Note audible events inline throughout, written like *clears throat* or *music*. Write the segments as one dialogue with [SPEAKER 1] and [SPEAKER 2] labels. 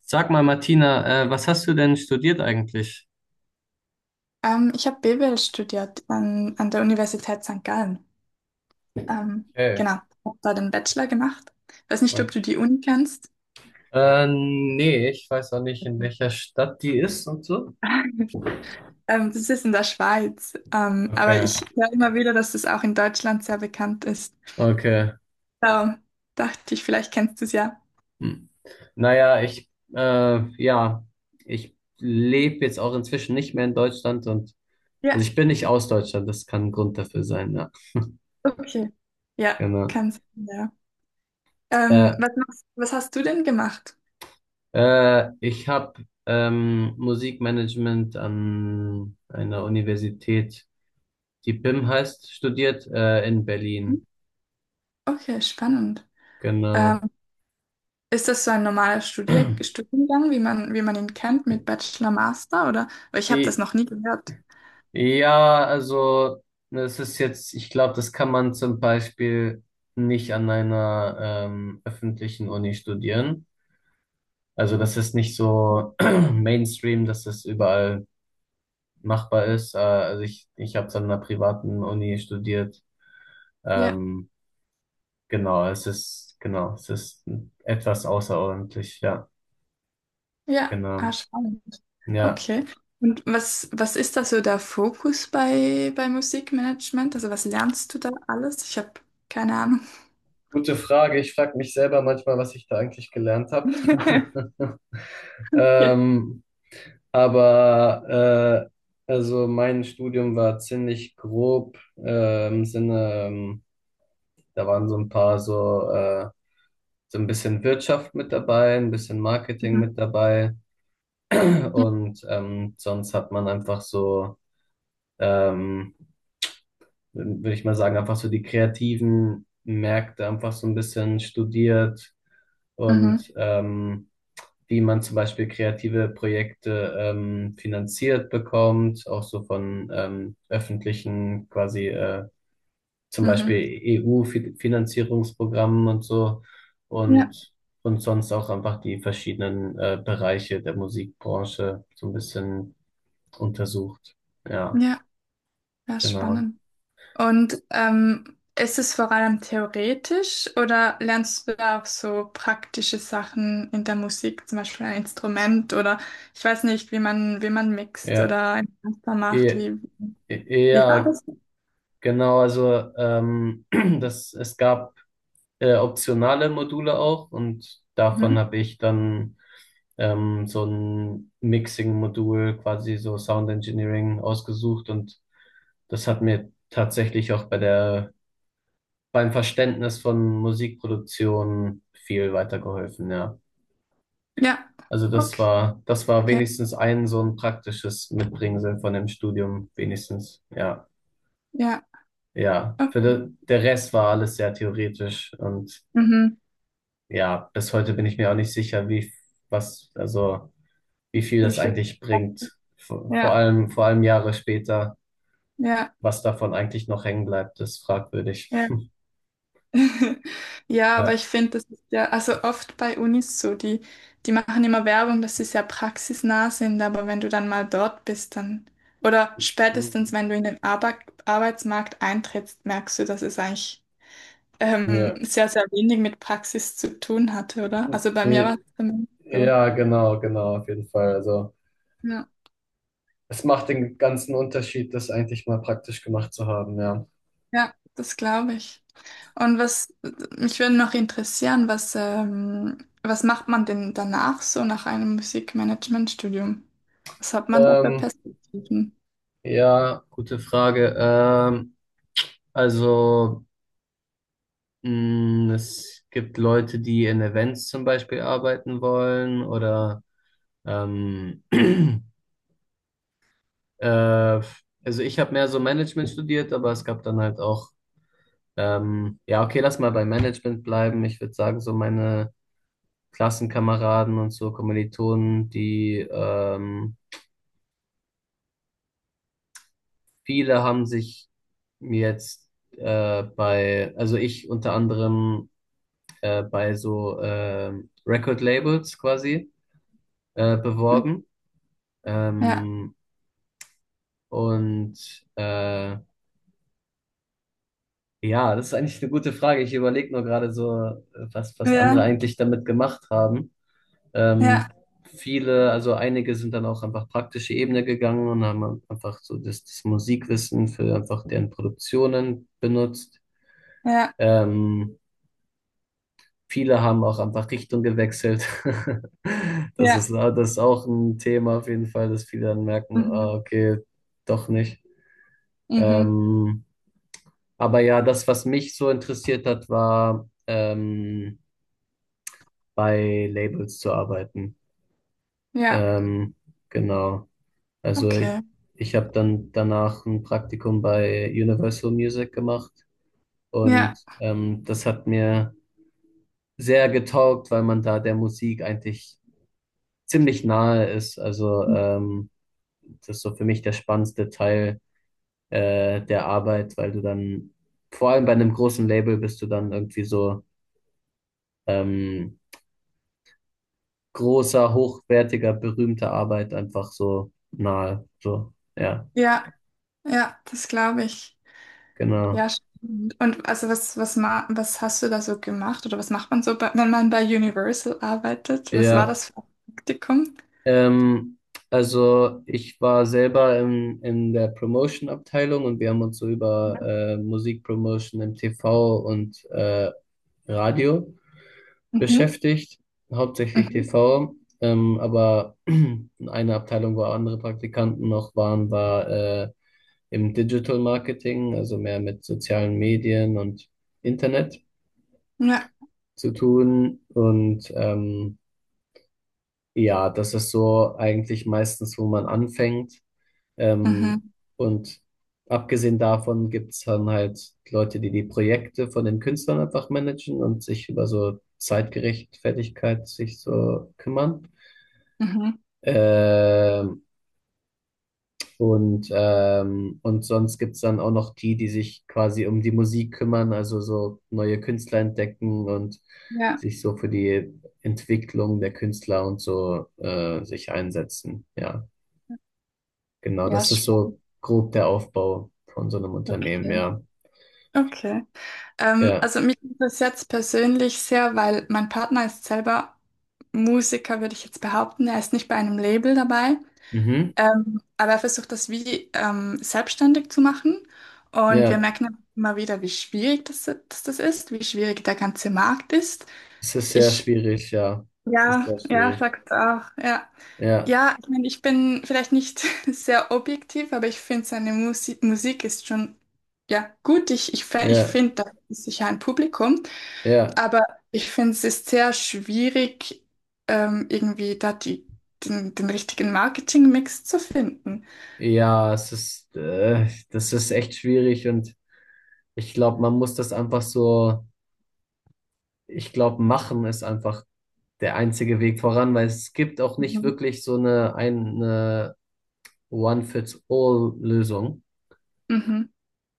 [SPEAKER 1] Sag mal, Martina, was hast du denn studiert eigentlich?
[SPEAKER 2] Ich habe BWL studiert an der Universität St. Gallen. Ähm,
[SPEAKER 1] Okay.
[SPEAKER 2] genau, habe da den Bachelor gemacht. Weiß nicht, ob du die Uni kennst.
[SPEAKER 1] Nee, ich weiß auch nicht, in welcher Stadt die ist und so.
[SPEAKER 2] *laughs* Das ist in der Schweiz. Aber
[SPEAKER 1] Okay,
[SPEAKER 2] ich höre immer wieder, dass das auch in Deutschland sehr bekannt ist.
[SPEAKER 1] okay.
[SPEAKER 2] So, dachte ich, vielleicht kennst du es ja.
[SPEAKER 1] Hm. Naja, ich, ja, ich lebe jetzt auch inzwischen nicht mehr in Deutschland und, also
[SPEAKER 2] Ja,
[SPEAKER 1] ich bin nicht aus Deutschland, das kann ein Grund dafür sein, ja,
[SPEAKER 2] okay. Ja,
[SPEAKER 1] genau.
[SPEAKER 2] kannst du, ja.
[SPEAKER 1] Äh,
[SPEAKER 2] Was hast du denn gemacht?
[SPEAKER 1] Ich habe Musikmanagement an einer Universität, die BIM heißt, studiert, in
[SPEAKER 2] Mhm.
[SPEAKER 1] Berlin.
[SPEAKER 2] Okay, spannend.
[SPEAKER 1] Genau.
[SPEAKER 2] Ähm, Ist das so ein normaler Studier Studiengang, wie man ihn kennt, mit Bachelor, Master oder? Weil ich habe das
[SPEAKER 1] I-
[SPEAKER 2] noch nie gehört.
[SPEAKER 1] Ja, also es ist jetzt, ich glaube, das kann man zum Beispiel nicht an einer öffentlichen Uni studieren. Also das ist nicht so *clears throat* Mainstream, dass das überall machbar ist. Also ich habe es an einer privaten Uni studiert.
[SPEAKER 2] Ja,
[SPEAKER 1] Ähm, genau, genau, es ist etwas außerordentlich, ja,
[SPEAKER 2] ja, ah,
[SPEAKER 1] genau.
[SPEAKER 2] spannend.
[SPEAKER 1] Ja.
[SPEAKER 2] Okay. Und was ist da so der Fokus bei Musikmanagement? Also was lernst du da alles? Ich habe keine Ahnung.
[SPEAKER 1] Gute Frage. Ich frage mich selber manchmal, was ich da eigentlich gelernt habe.
[SPEAKER 2] *laughs*
[SPEAKER 1] *laughs* Ähm, Aber also mein Studium war ziemlich grob im Sinne, da waren so ein paar so, so ein bisschen Wirtschaft mit dabei, ein bisschen Marketing
[SPEAKER 2] Mhm.
[SPEAKER 1] mit dabei
[SPEAKER 2] Ja.
[SPEAKER 1] und sonst hat man einfach so, ähm, würde ich mal sagen, einfach so die kreativen Märkte einfach so ein bisschen studiert
[SPEAKER 2] Mhm.
[SPEAKER 1] und wie man zum Beispiel kreative Projekte finanziert bekommt, auch so von öffentlichen quasi zum Beispiel
[SPEAKER 2] Mhm.
[SPEAKER 1] EU-Finanzierungsprogrammen und so
[SPEAKER 2] Ja,
[SPEAKER 1] und und sonst auch einfach die verschiedenen Bereiche der Musikbranche so ein bisschen untersucht. Ja,
[SPEAKER 2] ja, ja,
[SPEAKER 1] genau.
[SPEAKER 2] spannend. Und ist es vor allem theoretisch oder lernst du da auch so praktische Sachen in der Musik, zum Beispiel ein Instrument oder ich weiß nicht, wie man mixt
[SPEAKER 1] Ja,
[SPEAKER 2] oder ein Master macht?
[SPEAKER 1] e
[SPEAKER 2] Wie war
[SPEAKER 1] ja,
[SPEAKER 2] das?
[SPEAKER 1] genau. Also *clears throat* das es gab optionale Module auch und davon
[SPEAKER 2] Mhm.
[SPEAKER 1] habe ich dann so ein Mixing-Modul, quasi so Sound Engineering ausgesucht und das hat mir tatsächlich auch bei beim Verständnis von Musikproduktion viel weitergeholfen, ja.
[SPEAKER 2] Ja,
[SPEAKER 1] Also
[SPEAKER 2] okay.
[SPEAKER 1] das war wenigstens ein so ein praktisches Mitbringsel von dem Studium, wenigstens, ja.
[SPEAKER 2] Ja,
[SPEAKER 1] Ja,
[SPEAKER 2] okay.
[SPEAKER 1] der Rest war alles sehr theoretisch und
[SPEAKER 2] Mhm.
[SPEAKER 1] ja, bis heute bin ich mir auch nicht sicher, also wie viel
[SPEAKER 2] Wie
[SPEAKER 1] das
[SPEAKER 2] viel?
[SPEAKER 1] eigentlich bringt.
[SPEAKER 2] Ja,
[SPEAKER 1] Vor allem Jahre später,
[SPEAKER 2] ja,
[SPEAKER 1] was davon eigentlich noch hängen bleibt, ist fragwürdig.
[SPEAKER 2] ja.
[SPEAKER 1] *laughs*
[SPEAKER 2] *laughs* Ja, aber
[SPEAKER 1] Ja.
[SPEAKER 2] ich finde, das ist ja, also oft bei Unis so, die, die machen immer Werbung, dass sie sehr praxisnah sind, aber wenn du dann mal dort bist, dann, oder spätestens,
[SPEAKER 1] Mhm.
[SPEAKER 2] wenn du in den Arbeitsmarkt eintrittst, merkst du, dass es eigentlich
[SPEAKER 1] Ja.
[SPEAKER 2] sehr, sehr wenig mit Praxis zu tun hatte, oder? Also bei mir war
[SPEAKER 1] Nee.
[SPEAKER 2] es zumindest so.
[SPEAKER 1] Ja, genau, genau, auf jeden Fall. Also
[SPEAKER 2] Ja,
[SPEAKER 1] es macht den ganzen Unterschied, das eigentlich mal praktisch gemacht zu haben, ja.
[SPEAKER 2] ja, das glaube ich. Und was, mich würde noch interessieren, was macht man denn danach so nach einem Musikmanagementstudium? Was hat man da für
[SPEAKER 1] Ähm,
[SPEAKER 2] Perspektiven?
[SPEAKER 1] ja, gute Frage. Also mh, es gibt Leute, die in Events zum Beispiel arbeiten wollen oder Ähm, *clears throat* äh, also ich habe mehr so Management studiert, aber es gab dann halt auch, ja, okay, lass mal bei Management bleiben. Ich würde sagen, so meine Klassenkameraden und so Kommilitonen, die viele haben sich jetzt bei, also ich unter anderem bei so Record Labels quasi beworben.
[SPEAKER 2] Ja,
[SPEAKER 1] Ähm, und äh, ja, das ist eigentlich eine gute Frage. Ich überlege nur gerade so, was
[SPEAKER 2] ja,
[SPEAKER 1] andere eigentlich damit gemacht haben.
[SPEAKER 2] ja,
[SPEAKER 1] Ähm, Viele, also einige sind dann auch einfach praktische Ebene gegangen und haben einfach so das Musikwissen für einfach deren Produktionen benutzt.
[SPEAKER 2] ja,
[SPEAKER 1] Ähm, Viele haben auch einfach Richtung gewechselt. *laughs*
[SPEAKER 2] ja.
[SPEAKER 1] Das ist auch ein Thema auf jeden Fall, dass viele dann merken, ah,
[SPEAKER 2] Mhm.
[SPEAKER 1] okay, doch nicht.
[SPEAKER 2] Mhm.
[SPEAKER 1] Ähm, aber ja, das, was mich so interessiert hat, war, bei Labels zu arbeiten.
[SPEAKER 2] Ja,
[SPEAKER 1] Ähm, genau. Also
[SPEAKER 2] okay.
[SPEAKER 1] ich, Ich habe dann danach ein Praktikum bei Universal Music gemacht
[SPEAKER 2] Ja,
[SPEAKER 1] und das hat mir sehr getaugt, weil man da der Musik eigentlich ziemlich nahe ist. Also das ist so für mich der spannendste Teil der Arbeit, weil du dann vor allem bei einem großen Label bist du dann irgendwie so ähm, großer, hochwertiger, berühmter Arbeit einfach so nahe. So, ja.
[SPEAKER 2] ja, ja, das glaube ich.
[SPEAKER 1] Genau.
[SPEAKER 2] Ja, stimmt. Und also was hast du da so gemacht oder was macht man so, bei, wenn man bei Universal arbeitet? Was war
[SPEAKER 1] Ja.
[SPEAKER 2] das für ein Praktikum?
[SPEAKER 1] Ähm, also ich war selber in der Promotion-Abteilung und wir haben uns so über Musikpromotion im TV und Radio
[SPEAKER 2] Mhm.
[SPEAKER 1] beschäftigt, hauptsächlich
[SPEAKER 2] Mhm.
[SPEAKER 1] TV. Aber *clears throat* eine Abteilung, wo andere Praktikanten noch waren, war im Digital Marketing, also mehr mit sozialen Medien und Internet
[SPEAKER 2] Ja.
[SPEAKER 1] zu tun. Und ja, das ist so eigentlich meistens, wo man anfängt. Ähm,
[SPEAKER 2] Mhm.
[SPEAKER 1] und abgesehen davon gibt's dann halt Leute, die die Projekte von den Künstlern einfach managen und sich über so Zeitgerechtfertigkeit sich so kümmern.
[SPEAKER 2] Mhm.
[SPEAKER 1] Ähm, und sonst gibt's dann auch noch die sich quasi um die Musik kümmern, also so neue Künstler entdecken und
[SPEAKER 2] Ja,
[SPEAKER 1] sich so für die Entwicklung der Künstler und so sich einsetzen. Ja. Genau,
[SPEAKER 2] ja,
[SPEAKER 1] das ist
[SPEAKER 2] spannend.
[SPEAKER 1] so grob der Aufbau von so einem Unternehmen,
[SPEAKER 2] Okay.
[SPEAKER 1] ja.
[SPEAKER 2] Okay. Ähm,
[SPEAKER 1] Ja,
[SPEAKER 2] also mich interessiert es persönlich sehr, weil mein Partner ist selber Musiker, würde ich jetzt behaupten. Er ist nicht bei einem Label dabei,
[SPEAKER 1] mhm.
[SPEAKER 2] aber er versucht das wie selbstständig zu machen. Und wir
[SPEAKER 1] Ja,
[SPEAKER 2] merken immer wieder, wie schwierig das, dass das ist, wie schwierig der ganze Markt ist.
[SPEAKER 1] es ist sehr
[SPEAKER 2] Ich,
[SPEAKER 1] schwierig, ja. Es ist
[SPEAKER 2] ja,
[SPEAKER 1] sehr
[SPEAKER 2] ja,
[SPEAKER 1] schwierig.
[SPEAKER 2] sagt auch, ja.
[SPEAKER 1] Ja,
[SPEAKER 2] Ja, ich meine, ich bin vielleicht nicht *laughs* sehr objektiv, aber ich finde, seine Musik ist schon ja, gut. Ich
[SPEAKER 1] ja,
[SPEAKER 2] finde, da ist sicher ein Publikum,
[SPEAKER 1] ja.
[SPEAKER 2] aber ich finde, es ist sehr schwierig, irgendwie da den, den richtigen Marketing-Mix zu finden.
[SPEAKER 1] Ja, das ist echt schwierig und ich glaube, man muss das einfach so, ich glaube, machen ist einfach der einzige Weg voran, weil es gibt auch nicht
[SPEAKER 2] Mhm.
[SPEAKER 1] wirklich eine One-Fits-All-Lösung.
[SPEAKER 2] Mhm.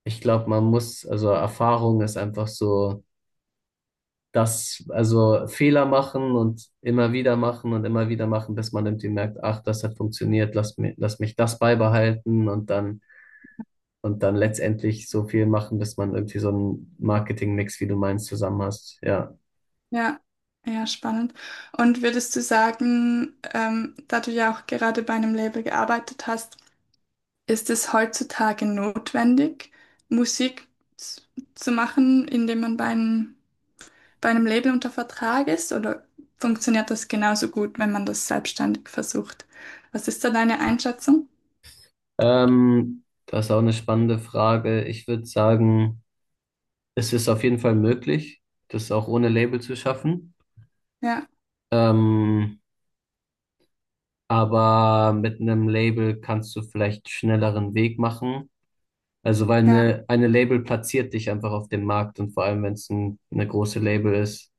[SPEAKER 1] Ich glaube, man muss, also Erfahrung ist einfach so. Das, also Fehler machen und immer wieder machen und immer wieder machen, bis man irgendwie merkt, ach, das hat funktioniert, lass mich das beibehalten und und dann letztendlich so viel machen, bis man irgendwie so einen Marketing-Mix, wie du meinst, zusammen hast. Ja.
[SPEAKER 2] Ja, ja, spannend. Und würdest du sagen, da du ja auch gerade bei einem Label gearbeitet hast, Ist es heutzutage notwendig, Musik z- zu machen, indem man bei einem Label unter Vertrag ist? Oder funktioniert das genauso gut, wenn man das selbstständig versucht? Was ist da deine Einschätzung?
[SPEAKER 1] Das ist auch eine spannende Frage. Ich würde sagen, es ist auf jeden Fall möglich, das auch ohne Label zu schaffen.
[SPEAKER 2] Ja,
[SPEAKER 1] Ähm, aber mit einem Label kannst du vielleicht schnelleren Weg machen. Also weil
[SPEAKER 2] ja,
[SPEAKER 1] eine Label platziert dich einfach auf dem Markt und vor allem, wenn es eine große Label ist,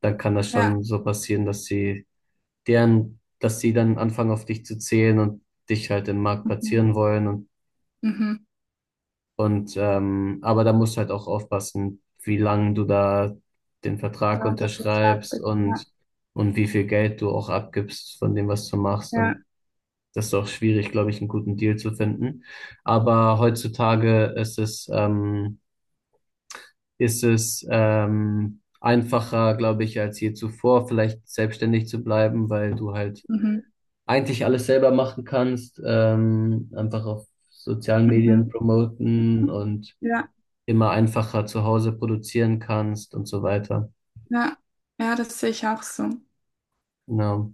[SPEAKER 1] dann kann das
[SPEAKER 2] ja.
[SPEAKER 1] schon so passieren, dass sie deren, dass sie dann anfangen auf dich zu zählen und dich halt im Markt
[SPEAKER 2] Mhm.
[SPEAKER 1] platzieren wollen
[SPEAKER 2] Mhm.
[SPEAKER 1] und aber da musst du halt auch aufpassen, wie lang du da den Vertrag
[SPEAKER 2] Da unter Vertrag
[SPEAKER 1] unterschreibst
[SPEAKER 2] bist. Ja,
[SPEAKER 1] und wie viel Geld du auch abgibst von dem, was du machst
[SPEAKER 2] ja.
[SPEAKER 1] und das ist auch schwierig, glaube ich, einen guten Deal zu finden. Aber heutzutage ist es einfacher, glaube ich, als je zuvor, vielleicht selbstständig zu bleiben, weil du halt
[SPEAKER 2] Mhm.
[SPEAKER 1] eigentlich alles selber machen kannst, einfach auf sozialen Medien
[SPEAKER 2] Mhm.
[SPEAKER 1] promoten und
[SPEAKER 2] Ja,
[SPEAKER 1] immer einfacher zu Hause produzieren kannst und so weiter.
[SPEAKER 2] ja. Ja, das sehe ich auch so.
[SPEAKER 1] Genau.